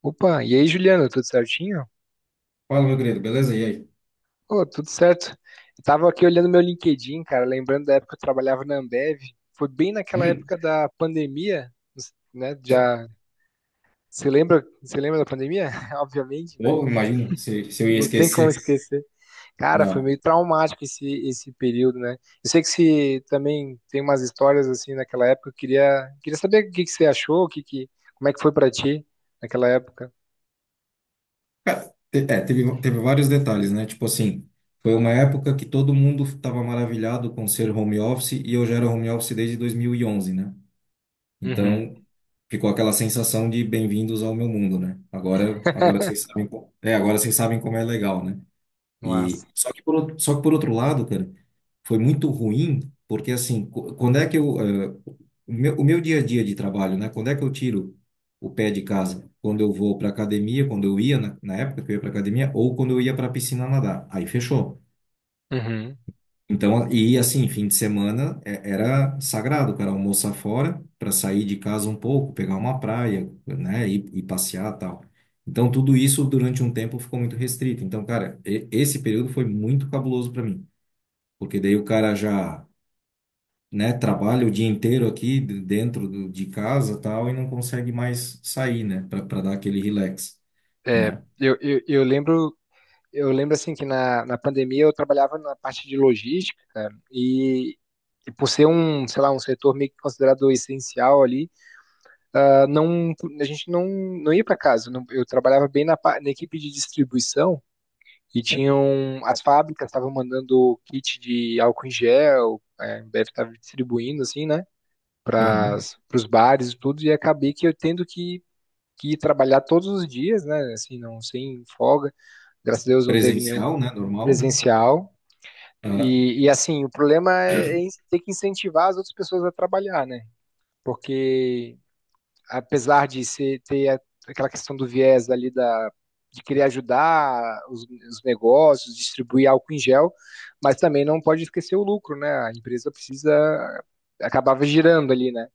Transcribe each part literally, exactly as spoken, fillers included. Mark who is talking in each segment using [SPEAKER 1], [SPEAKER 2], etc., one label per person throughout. [SPEAKER 1] Opa, e aí, Juliana, tudo certinho?
[SPEAKER 2] Fala, meu querido, beleza? E aí?
[SPEAKER 1] Ô, tudo certo. Eu tava aqui olhando meu LinkedIn, cara, lembrando da época que eu trabalhava na Ambev. Foi bem naquela
[SPEAKER 2] Hum.
[SPEAKER 1] época da pandemia, né?
[SPEAKER 2] te-
[SPEAKER 1] Já você lembra, você lembra da pandemia? Obviamente, né?
[SPEAKER 2] ô, imagina se, se eu ia
[SPEAKER 1] Não tem como
[SPEAKER 2] esquecer.
[SPEAKER 1] esquecer. Cara, foi
[SPEAKER 2] Não.
[SPEAKER 1] meio traumático esse esse período, né? Eu sei que você também tem umas histórias assim naquela época. Eu queria queria saber o que que você achou, o que que como é que foi pra ti naquela época?
[SPEAKER 2] Te- é, teve, teve vários detalhes, né? Tipo assim, foi uma época que todo mundo estava maravilhado com ser home office e eu já era home office desde dois mil e onze, né?
[SPEAKER 1] Uhum.
[SPEAKER 2] Então, ficou aquela sensação de bem-vindos ao meu mundo, né? Agora, agora vocês sabem, co- é, agora vocês sabem como é legal, né? E
[SPEAKER 1] Nossa.
[SPEAKER 2] só que por, outro- só que por outro lado, cara, foi muito ruim, porque assim, co- quando é que eu, eh, o meu, o meu dia a dia de trabalho, né? Quando é que eu tiro o pé de casa? Quando eu vou para academia, quando eu ia na, na época que eu ia para academia, ou quando eu ia para piscina nadar. Aí fechou. Então, e assim, fim de semana é- era sagrado, o cara almoçar fora para sair de casa um pouco, pegar uma praia, né, e, e passear tal. Então, tudo isso durante um tempo ficou muito restrito. Então, cara, e- esse período foi muito cabuloso para mim, porque daí o cara já, né, trabalha o dia inteiro aqui de- dentro do- de casa tal e não consegue mais sair, né, para dar aquele relax,
[SPEAKER 1] É,
[SPEAKER 2] né?
[SPEAKER 1] eu, eu, eu lembro, eu lembro assim que na, na pandemia eu trabalhava na parte de logística, cara, e, e por ser um, sei lá, um setor meio que considerado essencial ali, ah, não, a gente não, não ia para casa. Não- eu trabalhava bem na, pa- na equipe de distribuição, e tinham as fábricas estavam mandando kit de álcool em gel, é, deve estar distribuindo assim, né, para
[SPEAKER 2] Aham.
[SPEAKER 1] os bares e tudo. E acabei que eu tendo que que trabalhar todos os dias, né, assim, não sem folga. Graças a Deus não teve nenhum
[SPEAKER 2] Presencial, né, normal, né?
[SPEAKER 1] presencial. E, e assim, o problema é é in- ter que incentivar as outras pessoas a trabalhar, né? Porque apesar de ser, ter a- aquela questão do viés ali da, de querer ajudar os, os negócios, distribuir álcool em gel, mas também não pode esquecer o lucro, né? A empresa precisa, acabava girando ali, né?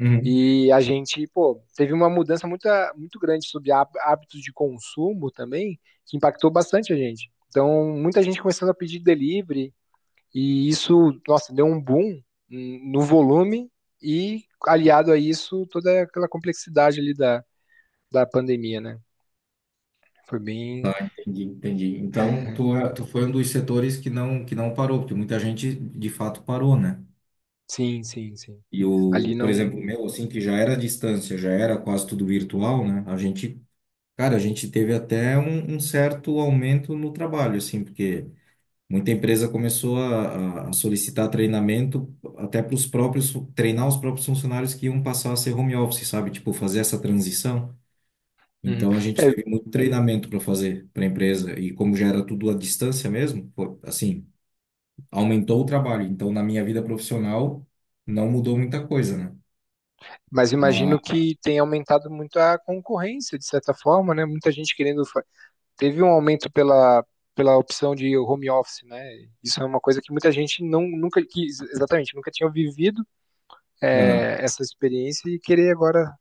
[SPEAKER 2] Aham.
[SPEAKER 1] E a gente, pô, teve uma mudança muito, muito grande sobre há- hábitos de consumo também, que impactou bastante a gente. Então, muita gente começando a pedir delivery, e isso, nossa, deu um boom hum, no volume, e aliado a isso, toda aquela complexidade ali da, da pandemia, né? Foi bem.
[SPEAKER 2] Ah, entendi, entendi. Então, tu, é- tu foi um dos setores que não, que não parou, porque muita gente de fato parou, né?
[SPEAKER 1] Sim, sim, sim.
[SPEAKER 2] E
[SPEAKER 1] Ali
[SPEAKER 2] o, por exemplo,
[SPEAKER 1] não.
[SPEAKER 2] o meu, assim, que já era à distância, já era quase tudo virtual, né? A gente, cara, a gente teve até um, um certo aumento no trabalho, assim, porque muita empresa começou a, a a solicitar treinamento até para os próprios, treinar os próprios funcionários que iam passar a ser home office, sabe? Tipo, fazer essa transição.
[SPEAKER 1] Uhum.
[SPEAKER 2] Então a gente
[SPEAKER 1] É,
[SPEAKER 2] teve muito treinamento para fazer para a empresa e como já era tudo à distância mesmo, pô, assim, aumentou o trabalho. Então na minha vida profissional não mudou muita coisa, né?
[SPEAKER 1] mas imagino
[SPEAKER 2] Mas,
[SPEAKER 1] que tenha aumentado muito a concorrência, de certa forma, né? Muita gente querendo, teve um aumento pela, pela opção de home office, né? Isso é uma coisa que muita gente não, nunca quis, exatamente, nunca tinha vivido
[SPEAKER 2] aham.
[SPEAKER 1] é, essa experiência e querer agora,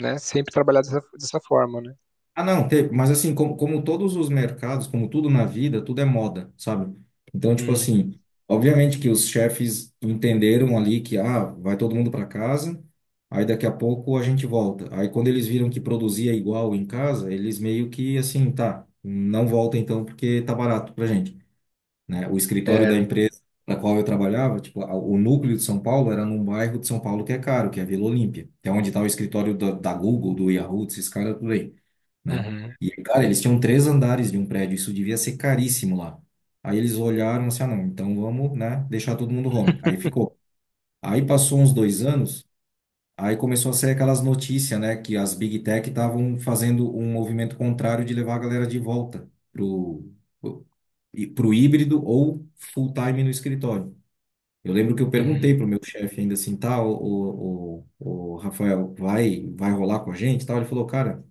[SPEAKER 1] né, sempre trabalhar dessa, dessa forma, né?
[SPEAKER 2] Ah, não, teve, mas assim, como, como todos os mercados, como tudo na vida, tudo é moda, sabe? Então, tipo
[SPEAKER 1] Hum.
[SPEAKER 2] assim, obviamente que os chefes entenderam ali que, ah, vai todo mundo para casa, aí daqui a pouco a gente volta. Aí quando eles viram que produzia igual em casa, eles meio que assim, tá, não volta então porque tá barato pra gente, né? O escritório
[SPEAKER 1] É.
[SPEAKER 2] da empresa na qual eu trabalhava, tipo, a- o núcleo de São Paulo era num bairro de São Paulo que é caro, que é a Vila Olímpia, que é onde está o escritório da, da Google, do Yahoo, desses caras tudo aí, né?
[SPEAKER 1] Uhum.
[SPEAKER 2] E, cara, eles tinham três andares de um prédio, isso devia ser caríssimo lá. Aí eles olharam assim, ah, não, então vamos, né, deixar todo mundo home. Aí ficou. Aí passou uns dois anos. Aí começou a sair aquelas notícias, né, que as Big Tech estavam fazendo um movimento contrário de levar a galera de volta pro, pro e- pro híbrido ou full time no escritório. Eu lembro que eu
[SPEAKER 1] Uhum.
[SPEAKER 2] perguntei pro meu chefe ainda assim, tá, o, o, o, o Rafael, vai, vai rolar com a gente, e tal? Ele falou, cara,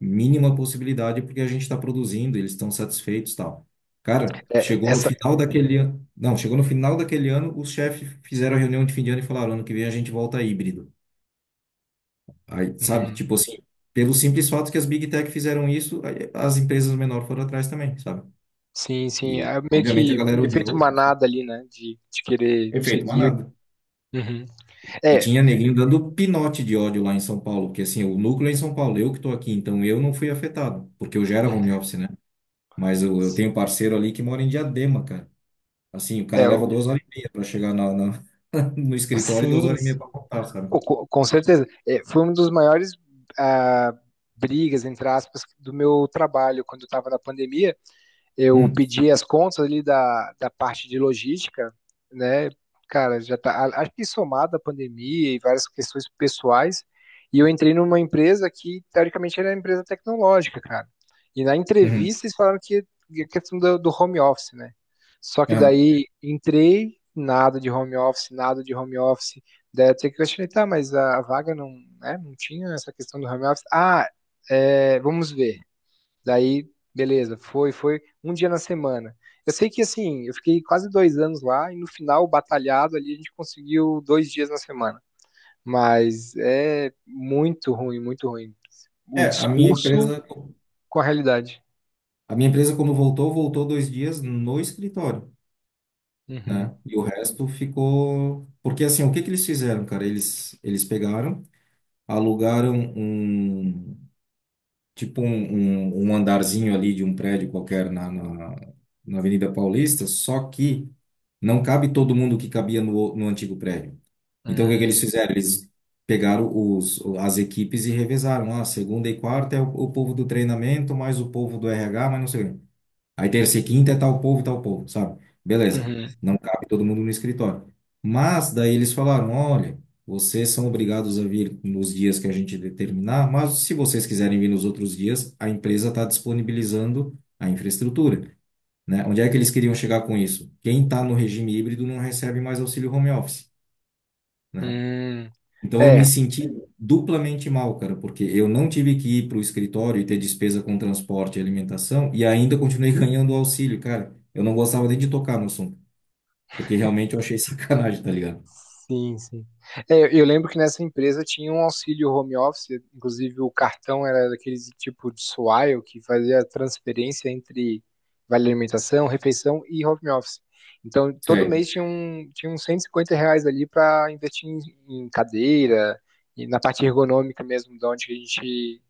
[SPEAKER 2] mínima possibilidade porque a gente está produzindo, eles estão satisfeitos, e tal. Cara,
[SPEAKER 1] É,
[SPEAKER 2] chegou no
[SPEAKER 1] essa.
[SPEAKER 2] final daquele ano, não, chegou no final daquele ano, os chefes fizeram a reunião de fim de ano e falaram, ano que vem a gente volta híbrido. Aí, sabe?
[SPEAKER 1] Uhum.
[SPEAKER 2] Tipo assim, pelo simples fato que as Big Tech fizeram isso, aí as empresas menores foram atrás também, sabe?
[SPEAKER 1] Sim, sim,
[SPEAKER 2] E,
[SPEAKER 1] é meio
[SPEAKER 2] obviamente, a
[SPEAKER 1] que
[SPEAKER 2] galera
[SPEAKER 1] efeito
[SPEAKER 2] odiou, enfim.
[SPEAKER 1] manada ali, né? De, de querer
[SPEAKER 2] Efeito
[SPEAKER 1] seguir. o-
[SPEAKER 2] manada.
[SPEAKER 1] Uhum.
[SPEAKER 2] E
[SPEAKER 1] É.
[SPEAKER 2] tinha neguinho dando pinote de ódio lá em São Paulo, porque assim, o núcleo é em São Paulo, eu que tô aqui, então eu não fui afetado, porque eu já era home
[SPEAKER 1] Uhum.
[SPEAKER 2] office, né? Mas eu, eu tenho um parceiro ali que mora em Diadema, cara. Assim, o cara
[SPEAKER 1] é
[SPEAKER 2] leva
[SPEAKER 1] o,
[SPEAKER 2] duas horas e meia pra chegar na, na- no escritório e
[SPEAKER 1] sim.
[SPEAKER 2] duas horas e meia pra voltar, sabe?
[SPEAKER 1] Co- co- Com certeza. É, foi um dos maiores, ah, brigas, entre aspas, do meu trabalho. Quando eu estava na pandemia eu
[SPEAKER 2] Hum,
[SPEAKER 1] pedi as contas ali da, da parte de logística, né? Cara, já tá, a- acho que somado a pandemia e várias questões pessoais, e eu entrei numa empresa que, teoricamente, era uma empresa tecnológica, cara. E na
[SPEAKER 2] uhum,
[SPEAKER 1] entrevista eles falaram que que a questão do, do home office, né? Só que
[SPEAKER 2] aham.
[SPEAKER 1] daí entrei, nada de home office, nada de home office. Daí até que eu questionei, tá, mas a vaga não, né, não tinha essa questão do home office. Ah, é, vamos ver. Daí, beleza, foi, foi um dia na semana. Eu sei que assim, eu fiquei quase dois anos lá e no final, batalhado ali, a gente conseguiu dois dias na semana. Mas é muito ruim, muito ruim. O
[SPEAKER 2] É, a minha
[SPEAKER 1] discurso
[SPEAKER 2] empresa.
[SPEAKER 1] com a realidade.
[SPEAKER 2] A minha empresa, quando voltou, voltou, dois dias no escritório, né?
[SPEAKER 1] Uhum,
[SPEAKER 2] E o resto ficou. Porque assim, o que que eles fizeram, cara? Eles, eles pegaram, alugaram um tipo um, um, um andarzinho ali de um prédio qualquer na, na, na Avenida Paulista, só que não cabe todo mundo que cabia no, no antigo prédio. Então, o que que
[SPEAKER 1] uhum,
[SPEAKER 2] eles fizeram? Eles pegaram os, as equipes e revezaram. Ah, segunda e quarta é o, o povo do treinamento, mais o povo do R H, mas não sei o quê. Aí terça e quinta é tal povo, tal povo, sabe? Beleza.
[SPEAKER 1] uhum,
[SPEAKER 2] Não cabe todo mundo no escritório. Mas daí eles falaram, olha, vocês são obrigados a vir nos dias que a gente determinar, mas se vocês quiserem vir nos outros dias, a empresa está disponibilizando a infraestrutura, né? Onde é que eles queriam chegar com isso? Quem está no regime híbrido não recebe mais auxílio home office, né?
[SPEAKER 1] uhum.
[SPEAKER 2] Então eu me
[SPEAKER 1] É.
[SPEAKER 2] senti duplamente mal, cara, porque eu não tive que ir para o escritório e ter despesa com transporte e alimentação e ainda continuei ganhando o auxílio, cara. Eu não gostava nem de tocar no assunto, porque realmente eu achei sacanagem, tá ligado?
[SPEAKER 1] Sim, sim. É, eu eu lembro que nessa empresa tinha um auxílio home office, inclusive o cartão era daquele tipo de Swile que fazia a transferência entre vale alimentação, refeição e home office. Então, todo
[SPEAKER 2] Sei.
[SPEAKER 1] mês tinha um, tinha uns cento e cinquenta reais ali para investir em, em cadeira, e na parte ergonômica mesmo, de onde a gente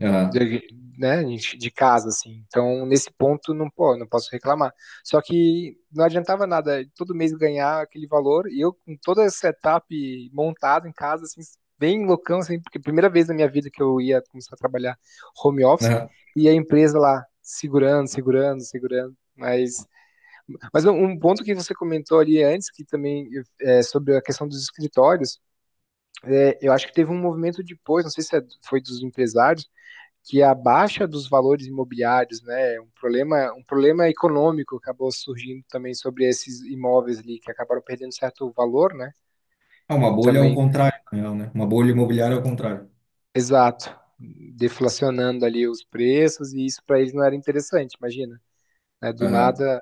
[SPEAKER 2] Aham.
[SPEAKER 1] de, né, de casa, assim. Então, nesse ponto, não, pô, não posso reclamar. Só que não adiantava nada todo mês ganhar aquele valor e eu, com toda essa etapa montada em casa, assim, bem loucão, assim, porque primeira vez na minha vida que eu ia começar a trabalhar home office
[SPEAKER 2] Aham.
[SPEAKER 1] e a empresa lá segurando, segurando, segurando. Mas, mas um um ponto que você comentou ali antes, que também é sobre a questão dos escritórios, é, eu acho que teve um movimento depois, não sei se é, foi dos empresários, que a baixa dos valores imobiliários, né, um problema, um problema econômico acabou surgindo também sobre esses imóveis ali que acabaram perdendo certo valor, né?
[SPEAKER 2] Ah, uma
[SPEAKER 1] E
[SPEAKER 2] bolha é o
[SPEAKER 1] também,
[SPEAKER 2] contrário, na real, né? Uma bolha imobiliária é o contrário.
[SPEAKER 1] exato, deflacionando ali os preços e isso para eles não era interessante, imagina, né? Do
[SPEAKER 2] Aham.
[SPEAKER 1] nada,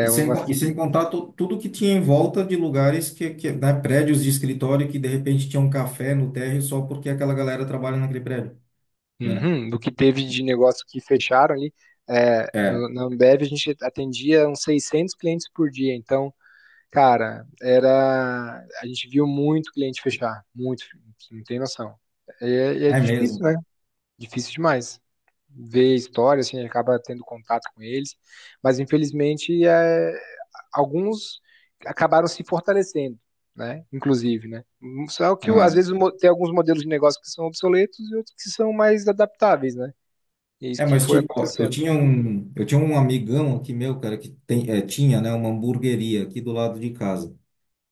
[SPEAKER 2] E sem,
[SPEAKER 1] uma,
[SPEAKER 2] con- e sem contar to- tudo que tinha em volta de lugares que, que, né, prédios de escritório que de repente tinha um café no térreo só porque aquela galera trabalha naquele prédio, né?
[SPEAKER 1] uhum, do que teve de negócio que fecharam ali, é,
[SPEAKER 2] É,
[SPEAKER 1] no, na Ambev a gente atendia uns seiscentos clientes por dia, então cara, era. A gente viu muito cliente fechar, muito, não tem noção. E é, é
[SPEAKER 2] é mesmo.
[SPEAKER 1] difícil, né? Difícil demais. Ver história, assim, acaba tendo contato com eles, mas infelizmente é, alguns acabaram se fortalecendo, né? Inclusive, né? Só que às vezes mo- tem alguns modelos de negócio que são obsoletos e outros que são mais adaptáveis, né? E é isso
[SPEAKER 2] É,
[SPEAKER 1] que
[SPEAKER 2] mas
[SPEAKER 1] foi
[SPEAKER 2] tipo, ó, eu
[SPEAKER 1] acontecendo.
[SPEAKER 2] tinha um, eu tinha um amigão aqui meu, cara, que tem, eh, tinha, né, uma hamburgueria aqui do lado de casa.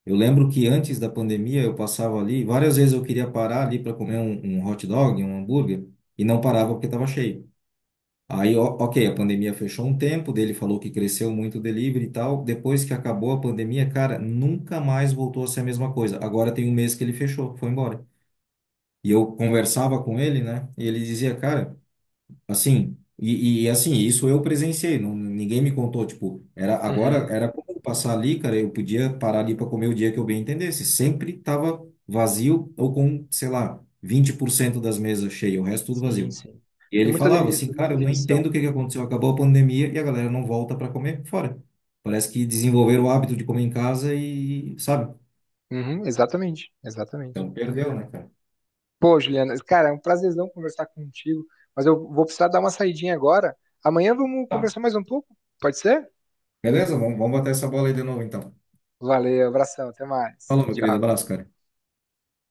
[SPEAKER 2] Eu lembro que antes da pandemia eu passava ali, várias vezes eu queria parar ali para comer um, um hot dog, um hambúrguer, e não parava porque estava cheio. Aí, ó, ok, a pandemia fechou um tempo, dele falou que cresceu muito o delivery e tal. Depois que acabou a pandemia, cara, nunca mais voltou a ser a mesma coisa. Agora tem um mês que ele fechou, foi embora. E eu conversava com ele, né, e ele dizia, cara. Assim, e, e assim, isso eu presenciei, não, ninguém me contou, tipo, era agora
[SPEAKER 1] Uhum.
[SPEAKER 2] era como passar ali, cara, eu podia parar ali para comer o dia que eu bem entendesse. Sempre tava vazio ou com, sei lá, vinte por cento das mesas cheias, o resto tudo
[SPEAKER 1] Sim,
[SPEAKER 2] vazio.
[SPEAKER 1] sim.
[SPEAKER 2] E
[SPEAKER 1] Tem
[SPEAKER 2] ele
[SPEAKER 1] muita,
[SPEAKER 2] falava
[SPEAKER 1] demi-
[SPEAKER 2] assim, cara,
[SPEAKER 1] muita
[SPEAKER 2] eu não entendo
[SPEAKER 1] demissão.
[SPEAKER 2] o que que aconteceu, acabou a pandemia e a galera não volta para comer fora. Parece que desenvolveram o hábito de comer em casa e, sabe?
[SPEAKER 1] Uhum, exatamente, exatamente.
[SPEAKER 2] Então perdeu, né, cara?
[SPEAKER 1] Pô, Juliana, cara, é um prazerzão conversar contigo, mas eu vou precisar dar uma saidinha agora. Amanhã vamos
[SPEAKER 2] Tá.
[SPEAKER 1] conversar mais um pouco, pode ser?
[SPEAKER 2] Beleza? Vamos, vamos bater essa bola aí de novo, então.
[SPEAKER 1] Valeu, abração, até mais.
[SPEAKER 2] Falou, meu querido,
[SPEAKER 1] Tchau.
[SPEAKER 2] abraço, cara.